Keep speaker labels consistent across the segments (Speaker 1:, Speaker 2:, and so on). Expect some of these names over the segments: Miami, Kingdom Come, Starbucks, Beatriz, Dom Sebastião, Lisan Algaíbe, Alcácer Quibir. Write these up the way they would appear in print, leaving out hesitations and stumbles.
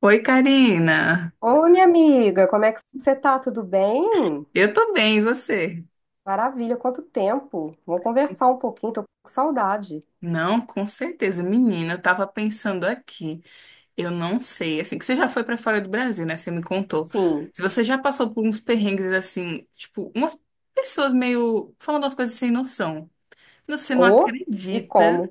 Speaker 1: Oi, Karina.
Speaker 2: Oi, minha amiga, como é que você tá? Tudo bem?
Speaker 1: Eu tô bem, e você?
Speaker 2: Maravilha, quanto tempo. Vamos conversar um pouquinho, tô com saudade.
Speaker 1: Não, com certeza. Menina, eu tava pensando aqui. Eu não sei, assim, que você já foi pra fora do Brasil, né? Você me contou.
Speaker 2: Sim,
Speaker 1: Se você já passou por uns perrengues assim, tipo, umas pessoas meio falando as coisas sem noção. Você não
Speaker 2: ou e
Speaker 1: acredita
Speaker 2: como?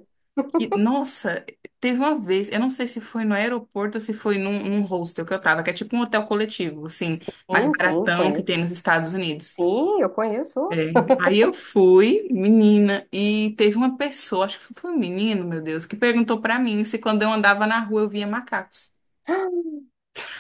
Speaker 1: que, nossa, teve uma vez, eu não sei se foi no aeroporto ou se foi num hostel que eu tava, que é tipo um hotel coletivo, assim, mais
Speaker 2: Sim, sim,
Speaker 1: baratão que tem
Speaker 2: conheço.
Speaker 1: nos Estados Unidos.
Speaker 2: Sim, eu conheço.
Speaker 1: É, aí eu fui, menina, e teve uma pessoa, acho que foi um menino, meu Deus, que perguntou pra mim se quando eu andava na rua eu via macacos.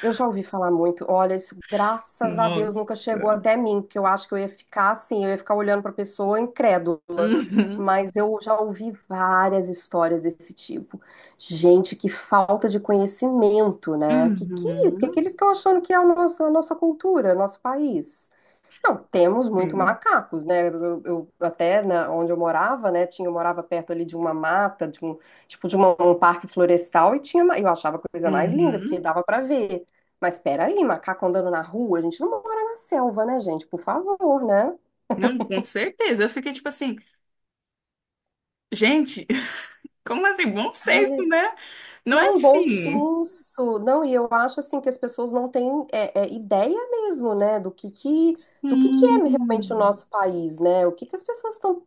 Speaker 2: Eu já ouvi falar muito. Olha, isso, graças a Deus,
Speaker 1: Nossa.
Speaker 2: nunca chegou até mim, porque eu acho que eu ia ficar assim, eu ia ficar olhando para a pessoa incrédula.
Speaker 1: Uhum,
Speaker 2: Mas eu já ouvi várias histórias desse tipo. Gente, que falta de conhecimento, né? Que é isso? O que que
Speaker 1: uhum,
Speaker 2: eles estão achando que é a nossa cultura, nosso país? Não, temos muito
Speaker 1: sim.
Speaker 2: macacos, né? Até na, onde eu morava, né? Tinha, eu morava perto ali de uma mata, de um tipo de um parque florestal e tinha, eu achava a coisa mais linda porque
Speaker 1: Uhum.
Speaker 2: dava pra ver. Mas espera aí, macaco andando na rua, a gente não mora na selva, né, gente? Por favor, né?
Speaker 1: Não, com certeza. Eu fiquei tipo assim, gente, como assim? Bom senso,
Speaker 2: Ai,
Speaker 1: né? Não é
Speaker 2: não, bom
Speaker 1: assim.
Speaker 2: senso. Não, e eu acho assim que as pessoas não têm ideia mesmo, né, do que é realmente o
Speaker 1: Hum,
Speaker 2: nosso país, né? O que que as pessoas estão.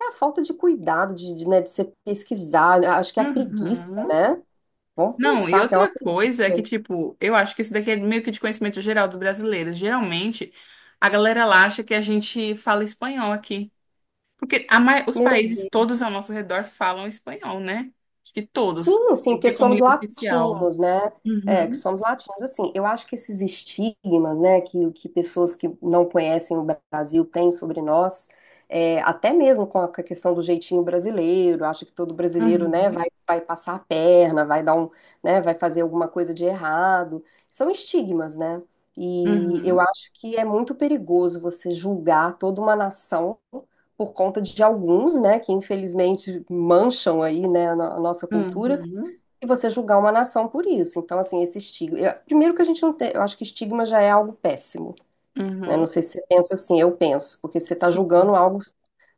Speaker 2: É a falta de cuidado, de, né, de você pesquisar, acho que é a preguiça,
Speaker 1: uhum.
Speaker 2: né? Vamos
Speaker 1: Não, e
Speaker 2: pensar que é uma.
Speaker 1: outra coisa é que, tipo, eu acho que isso daqui é meio que de conhecimento geral dos brasileiros. Geralmente, a galera lá acha que a gente fala espanhol aqui. Porque os
Speaker 2: Meu.
Speaker 1: países todos ao nosso redor falam espanhol, né? Acho que todos.
Speaker 2: Sim, sim,
Speaker 1: Tem que
Speaker 2: porque
Speaker 1: ter como
Speaker 2: somos
Speaker 1: língua oficial.
Speaker 2: latinos, né? É, que
Speaker 1: Uhum,
Speaker 2: somos latinos. Assim, eu acho que esses estigmas, né, que pessoas que não conhecem o Brasil têm sobre nós, é, até mesmo com a questão do jeitinho brasileiro, acha que todo brasileiro, né,
Speaker 1: uhum,
Speaker 2: vai passar a perna, vai dar um, né, vai fazer alguma coisa de errado. São estigmas, né? E eu
Speaker 1: uhum,
Speaker 2: acho que é muito perigoso você julgar toda uma nação por conta de alguns, né, que infelizmente mancham aí, né, a no- a nossa cultura,
Speaker 1: uhum,
Speaker 2: e você julgar uma nação por isso. Então, assim, esse estigma. Primeiro que a gente não tem, eu acho que estigma já é algo péssimo, né? Não
Speaker 1: uhum.
Speaker 2: sei se você pensa assim, eu penso, porque você está
Speaker 1: Sim,
Speaker 2: julgando algo,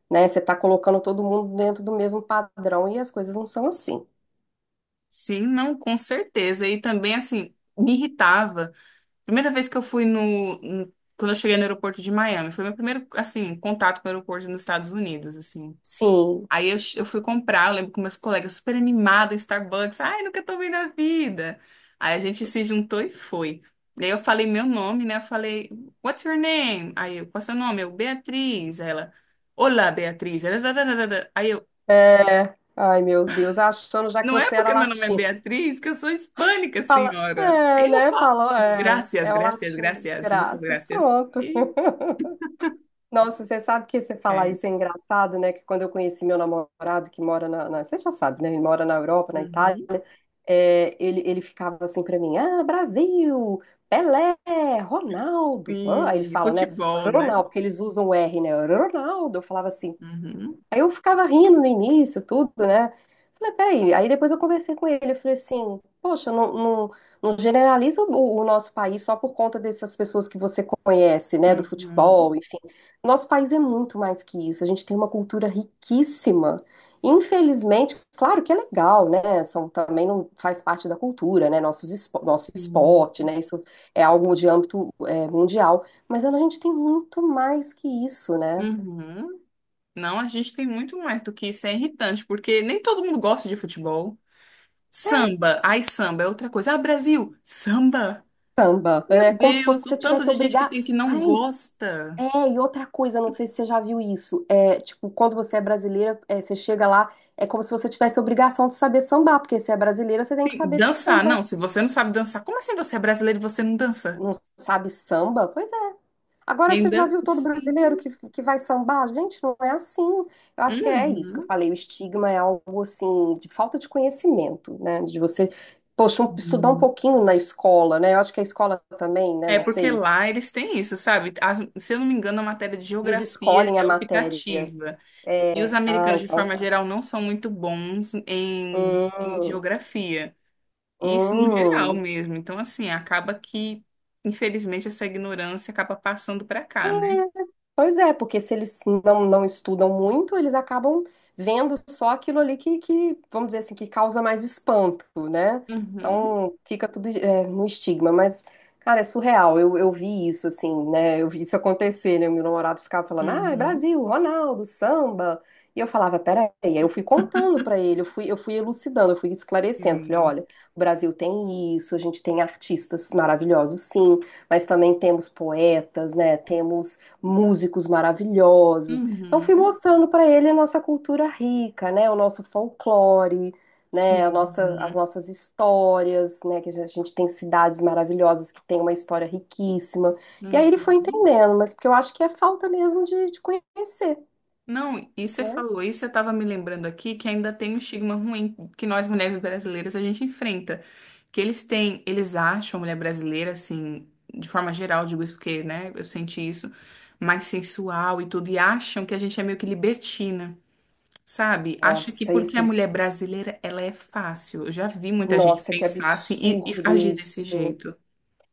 Speaker 2: né, você está colocando todo mundo dentro do mesmo padrão e as coisas não são assim.
Speaker 1: sim, não, com certeza. E também, assim, me irritava. Primeira vez que eu fui quando eu cheguei no aeroporto de Miami, foi meu primeiro, assim, contato com o aeroporto nos Estados Unidos, assim.
Speaker 2: Sim,
Speaker 1: Aí eu fui comprar, eu lembro que meus colegas super animados, Starbucks, ai, nunca tomei na vida. Aí a gente se juntou e foi. E aí eu falei meu nome, né? Eu falei, what's your name? Aí eu, qual é seu nome? Eu, Beatriz. Aí ela, olá, Beatriz. Aí eu,
Speaker 2: é. Ai, meu Deus, achando já que
Speaker 1: não é
Speaker 2: você era
Speaker 1: porque meu nome é
Speaker 2: latino.
Speaker 1: Beatriz que eu sou hispânica,
Speaker 2: Fala,
Speaker 1: senhora.
Speaker 2: é,
Speaker 1: Aí eu
Speaker 2: né?
Speaker 1: só,
Speaker 2: Falou, é,
Speaker 1: graças,
Speaker 2: é o
Speaker 1: graças,
Speaker 2: latino.
Speaker 1: graças, muitas
Speaker 2: Graças,
Speaker 1: graças.
Speaker 2: pronto. Nossa, você sabe que você falar
Speaker 1: É.
Speaker 2: isso é engraçado, né? Que quando eu conheci meu namorado que mora você já sabe, né? Ele mora na Europa, na Itália.
Speaker 1: Uhum.
Speaker 2: É, ele ficava assim pra mim, ah, Brasil, Pelé, Ronaldo. Ro-" Aí eles
Speaker 1: Sim,
Speaker 2: falam, né?
Speaker 1: futebol, né?
Speaker 2: Ronaldo, porque eles usam o R, né? Ronaldo. Eu falava assim,
Speaker 1: Uhum.
Speaker 2: aí eu ficava rindo no início, tudo, né? Falei, peraí. Aí depois eu conversei com ele. Eu falei assim: Poxa, não generaliza o nosso país só por conta dessas pessoas que você conhece, né? Do futebol,
Speaker 1: Uhum.
Speaker 2: enfim. Nosso país é muito mais que isso. A gente tem uma cultura riquíssima. Infelizmente, claro que é legal, né? São, também não faz parte da cultura, né? Nossos, nosso
Speaker 1: Sim.
Speaker 2: esporte, né? Isso é algo de âmbito, é, mundial. Mas a gente tem muito mais que isso, né?
Speaker 1: Uhum. Não, a gente tem muito mais do que isso. É irritante, porque nem todo mundo gosta de futebol. Samba, ai, samba é outra coisa. Ah, Brasil, samba.
Speaker 2: Samba. É
Speaker 1: Meu
Speaker 2: como se
Speaker 1: Deus, o
Speaker 2: você
Speaker 1: tanto
Speaker 2: tivesse
Speaker 1: de gente que
Speaker 2: obrigar.
Speaker 1: tem que não
Speaker 2: Ai,
Speaker 1: gosta.
Speaker 2: é, e outra coisa, não sei se você já viu isso. É, tipo, quando você é brasileira, é, você chega lá, é como se você tivesse obrigação de saber sambar, porque se é brasileira, você tem que
Speaker 1: Sim,
Speaker 2: saber de
Speaker 1: dançar,
Speaker 2: samba.
Speaker 1: não. Se você não sabe dançar, como assim você é brasileiro e você não dança?
Speaker 2: Não sabe samba? Pois é.
Speaker 1: E
Speaker 2: Agora você já
Speaker 1: ainda?
Speaker 2: viu todo
Speaker 1: Sim.
Speaker 2: brasileiro que vai sambar? Gente, não é assim. Eu acho que é isso que eu
Speaker 1: Uhum.
Speaker 2: falei. O estigma é algo assim de falta de conhecimento, né? De você, poxa, estudar um
Speaker 1: Sim.
Speaker 2: pouquinho na escola, né? Eu acho que a escola também, né?
Speaker 1: É
Speaker 2: Não
Speaker 1: porque
Speaker 2: sei.
Speaker 1: lá eles têm isso, sabe? Se eu não me engano, a matéria de
Speaker 2: Eles
Speaker 1: geografia
Speaker 2: escolhem a
Speaker 1: é
Speaker 2: matéria.
Speaker 1: optativa. E
Speaker 2: É.
Speaker 1: os
Speaker 2: Ah,
Speaker 1: americanos, de
Speaker 2: então
Speaker 1: forma
Speaker 2: tá.
Speaker 1: geral, não são muito bons em
Speaker 2: Hum,
Speaker 1: geografia. Isso no geral
Speaker 2: hum.
Speaker 1: mesmo. Então, assim, acaba que, infelizmente, essa ignorância acaba passando para cá, né?
Speaker 2: Pois é, porque se eles não estudam muito, eles acabam vendo só aquilo ali vamos dizer assim, que causa mais espanto, né?
Speaker 1: Uhum,
Speaker 2: Então fica tudo é, no estigma, mas, cara, é surreal. Eu vi isso, assim, né? Eu vi isso acontecer, né? Meu namorado ficava falando, ah, é
Speaker 1: uhum,
Speaker 2: Brasil, Ronaldo, samba. E eu falava, peraí. Aí eu fui contando pra ele, eu fui elucidando, eu fui esclarecendo. Falei,
Speaker 1: sim.
Speaker 2: olha, o Brasil tem isso, a gente tem artistas maravilhosos, sim, mas também temos poetas, né? Temos músicos maravilhosos. Então fui
Speaker 1: Uhum,
Speaker 2: mostrando para ele a nossa cultura rica, né, o nosso folclore, né, as
Speaker 1: sim.
Speaker 2: nossas histórias, né, que a gente tem cidades maravilhosas que tem uma história riquíssima. E aí ele foi
Speaker 1: Uhum.
Speaker 2: entendendo, mas porque eu acho que é falta mesmo de conhecer,
Speaker 1: Não, e você
Speaker 2: né?
Speaker 1: falou isso, eu estava me lembrando aqui que ainda tem um estigma ruim que nós mulheres brasileiras a gente enfrenta. Que eles têm, eles acham a mulher brasileira, assim, de forma geral, digo isso porque, né, eu senti isso, mais sensual e tudo, e acham que a gente é meio que libertina, sabe? Acha que
Speaker 2: Nossa,
Speaker 1: porque
Speaker 2: isso,
Speaker 1: a mulher brasileira, ela é fácil. Eu já vi muita gente
Speaker 2: nossa, que
Speaker 1: pensar assim e
Speaker 2: absurdo
Speaker 1: agir desse
Speaker 2: isso.
Speaker 1: jeito.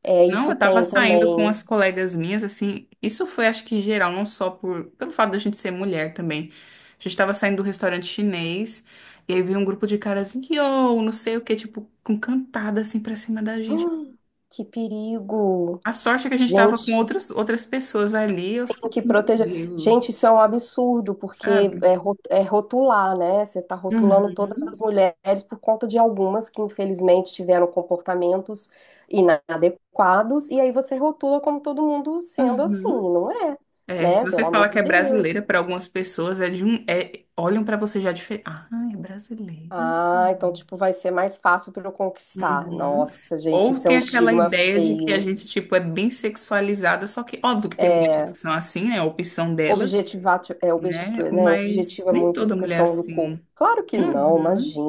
Speaker 2: É,
Speaker 1: Não,
Speaker 2: isso
Speaker 1: eu tava
Speaker 2: tem
Speaker 1: saindo com
Speaker 2: também.
Speaker 1: as colegas minhas, assim, isso foi acho que geral, não só pelo fato da gente ser mulher também. A gente tava saindo do restaurante chinês, e aí veio um grupo de caras, yo, não sei o que, tipo, com cantada assim pra cima da gente.
Speaker 2: Que perigo.
Speaker 1: A sorte é que a gente tava com
Speaker 2: Gente,
Speaker 1: outras pessoas ali, eu fiquei,
Speaker 2: que
Speaker 1: tipo, meu
Speaker 2: proteger. Gente,
Speaker 1: Deus,
Speaker 2: isso é um absurdo, porque
Speaker 1: sabe?
Speaker 2: é, é rotular, né? Você está rotulando
Speaker 1: Uhum,
Speaker 2: todas as mulheres por conta de algumas que, infelizmente, tiveram comportamentos inadequados, e aí você rotula como todo mundo sendo assim,
Speaker 1: uhum.
Speaker 2: não é,
Speaker 1: É, se
Speaker 2: né?
Speaker 1: você
Speaker 2: Pelo
Speaker 1: fala
Speaker 2: amor
Speaker 1: que
Speaker 2: de
Speaker 1: é brasileira,
Speaker 2: Deus.
Speaker 1: pra algumas pessoas é de um, é, olham pra você já diferente. Ah, é brasileira.
Speaker 2: Ah, então, tipo, vai ser mais fácil para eu conquistar.
Speaker 1: Uhum.
Speaker 2: Nossa, gente,
Speaker 1: Ou
Speaker 2: isso é
Speaker 1: tem
Speaker 2: um
Speaker 1: aquela
Speaker 2: estigma
Speaker 1: ideia de que a
Speaker 2: feio.
Speaker 1: gente, tipo, é bem sexualizada, só que óbvio que tem mulheres
Speaker 2: É.
Speaker 1: que são assim, né? A opção delas,
Speaker 2: Objetivar, é,
Speaker 1: né?
Speaker 2: objetivo, né?
Speaker 1: Mas
Speaker 2: Objetivo é
Speaker 1: nem
Speaker 2: muito
Speaker 1: toda mulher é
Speaker 2: questão do corpo.
Speaker 1: assim.
Speaker 2: Claro que não,
Speaker 1: Uhum,
Speaker 2: imagina.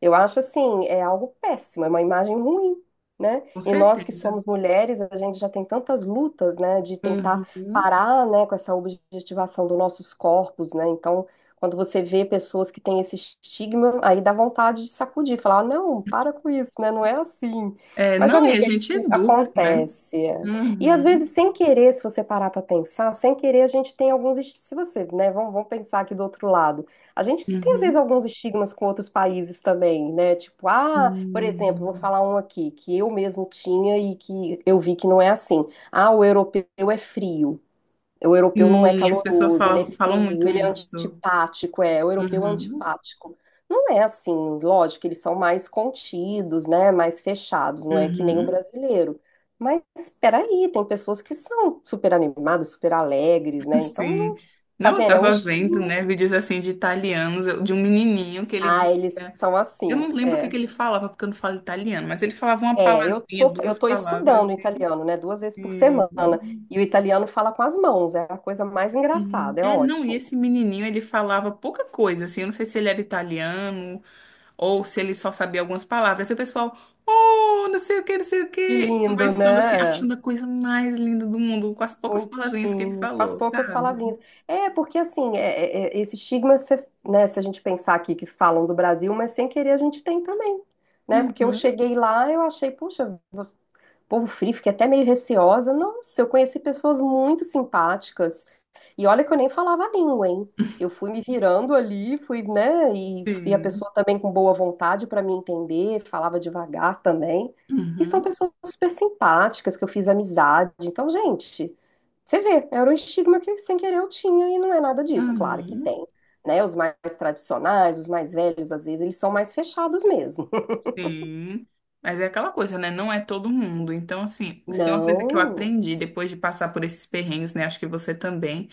Speaker 2: Eu acho assim, é algo péssimo, é uma imagem ruim, né?
Speaker 1: com
Speaker 2: E nós que
Speaker 1: certeza.
Speaker 2: somos mulheres, a gente já tem tantas lutas, né, de tentar
Speaker 1: Uhum.
Speaker 2: parar, né, com essa objetivação dos nossos corpos, né? Então, quando você vê pessoas que têm esse estigma, aí dá vontade de sacudir, falar, "Ah, não, para com isso, né? Não é assim.
Speaker 1: É,
Speaker 2: Mas,
Speaker 1: não, e a
Speaker 2: amiga,
Speaker 1: gente
Speaker 2: isso
Speaker 1: educa, né?
Speaker 2: acontece. É. E às
Speaker 1: Uhum,
Speaker 2: vezes, sem querer, se você parar para pensar, sem querer, a gente tem alguns. Se você, né, vamos pensar aqui do outro lado. A gente tem, às vezes,
Speaker 1: uhum.
Speaker 2: alguns estigmas com outros países também, né? Tipo, ah, por exemplo, vou
Speaker 1: Sim.
Speaker 2: falar um aqui, que eu mesmo tinha e que eu vi que não é assim. Ah, o europeu é frio. O europeu não é
Speaker 1: Sim, as pessoas
Speaker 2: caloroso, ele é
Speaker 1: falam
Speaker 2: frio,
Speaker 1: muito
Speaker 2: ele é
Speaker 1: isso.
Speaker 2: antipático, é, o europeu é
Speaker 1: Uhum,
Speaker 2: antipático. Não é assim, lógico, eles são mais contidos, né, mais fechados, não é que nem o
Speaker 1: uhum.
Speaker 2: brasileiro. Mas espera aí, tem pessoas que são super animadas, super alegres, né? Então,
Speaker 1: Sim.
Speaker 2: tá
Speaker 1: Não, eu
Speaker 2: vendo? É um
Speaker 1: tava vendo,
Speaker 2: estigma.
Speaker 1: né, vídeos assim de italianos, de um menininho que ele
Speaker 2: Ah,
Speaker 1: dizia.
Speaker 2: eles são
Speaker 1: Eu
Speaker 2: assim,
Speaker 1: não lembro o que que
Speaker 2: é.
Speaker 1: ele falava, porque eu não falo italiano, mas ele falava uma
Speaker 2: É, eu
Speaker 1: palavrinha,
Speaker 2: tô,
Speaker 1: duas
Speaker 2: eu tô
Speaker 1: palavras.
Speaker 2: estudando italiano, né, duas vezes por
Speaker 1: E,
Speaker 2: semana,
Speaker 1: e-
Speaker 2: e o italiano fala com as mãos, é a coisa mais
Speaker 1: e-
Speaker 2: engraçada, é
Speaker 1: é, não, e
Speaker 2: ótimo.
Speaker 1: esse menininho, ele falava pouca coisa, assim, eu não sei se ele era italiano ou se ele só sabia algumas palavras. E o pessoal, oh, não sei o que, não sei o
Speaker 2: Que
Speaker 1: que,
Speaker 2: lindo,
Speaker 1: conversando assim,
Speaker 2: né?
Speaker 1: achando a coisa mais linda do mundo, com as poucas palavrinhas que ele
Speaker 2: Muitinho, faz
Speaker 1: falou,
Speaker 2: poucas palavrinhas.
Speaker 1: sabe?
Speaker 2: É, porque assim, esse estigma, se, né, se a gente pensar aqui que falam do Brasil, mas sem querer a gente tem também, né? Porque eu
Speaker 1: Uhum,
Speaker 2: cheguei lá, eu achei, puxa, povo frio, fiquei até meio receosa. Nossa, eu conheci pessoas muito simpáticas. E olha que eu nem falava a língua, hein? Eu fui me virando ali, fui, né? E a
Speaker 1: sim.
Speaker 2: pessoa também com boa vontade para me entender, falava devagar também. E são
Speaker 1: Uhum,
Speaker 2: pessoas super simpáticas que eu fiz amizade. Então, gente, você vê, era um estigma que sem querer eu tinha e não é nada disso. Claro que
Speaker 1: uhum.
Speaker 2: tem, né? Os mais tradicionais, os mais velhos, às vezes, eles são mais fechados mesmo.
Speaker 1: Sim, mas é aquela coisa, né? Não é todo mundo. Então, assim, se tem uma coisa que eu
Speaker 2: Não,
Speaker 1: aprendi depois de passar por esses perrengues, né? Acho que você também,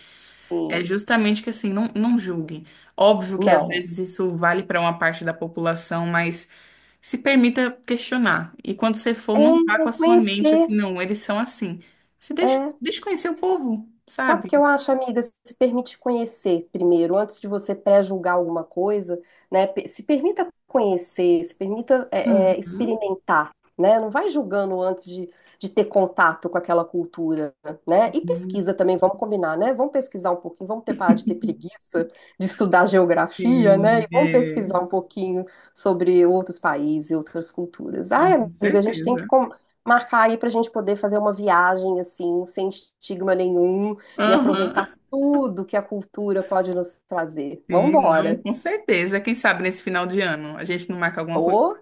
Speaker 1: é
Speaker 2: sim,
Speaker 1: justamente que, assim, não, não julguem. Óbvio que às
Speaker 2: não.
Speaker 1: vezes isso vale para uma parte da população, mas se permita questionar. E quando você for,
Speaker 2: É,
Speaker 1: não vá com
Speaker 2: é
Speaker 1: a sua mente
Speaker 2: conhecer,
Speaker 1: assim, não, eles são assim. Você deixa,
Speaker 2: é.
Speaker 1: deixa conhecer o povo,
Speaker 2: Sabe o que eu
Speaker 1: sabe?
Speaker 2: acho, amiga? Se permite conhecer primeiro, antes de você pré-julgar alguma coisa, né? Se permita conhecer, se permita
Speaker 1: Uhum.
Speaker 2: experimentar, né? Não vai julgando antes de ter contato com aquela cultura, né? E pesquisa também, vamos combinar, né? Vamos pesquisar um pouquinho, vamos ter parar de ter preguiça de estudar geografia, né?
Speaker 1: Sim,
Speaker 2: E vamos
Speaker 1: é.
Speaker 2: pesquisar um pouquinho sobre outros países, e outras culturas.
Speaker 1: Não,
Speaker 2: Ai,
Speaker 1: com
Speaker 2: amiga, a gente tem que
Speaker 1: certeza.
Speaker 2: marcar aí para a gente poder fazer uma viagem assim, sem estigma nenhum e aproveitar
Speaker 1: Aham.
Speaker 2: tudo que a cultura pode nos trazer.
Speaker 1: Sim, não,
Speaker 2: Vambora.
Speaker 1: com certeza. Quem sabe nesse final de ano a gente não marca alguma coisa.
Speaker 2: Ô,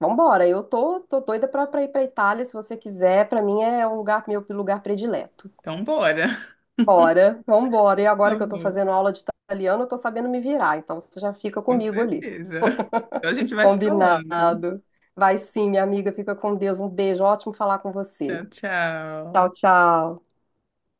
Speaker 2: vambora. Eu tô doida pra ir pra Itália, se você quiser. Pra mim é um lugar, meu lugar predileto.
Speaker 1: Então, bora.
Speaker 2: Bora, vambora. E agora
Speaker 1: Tá
Speaker 2: que eu tô
Speaker 1: bom,
Speaker 2: fazendo aula de italiano, eu tô sabendo me virar. Então você já fica
Speaker 1: com
Speaker 2: comigo ali.
Speaker 1: certeza. Então a gente vai se falando.
Speaker 2: Combinado. Vai sim, minha amiga. Fica com Deus. Um beijo. Ótimo falar com você.
Speaker 1: Tchau,
Speaker 2: Tchau,
Speaker 1: tchau.
Speaker 2: tchau.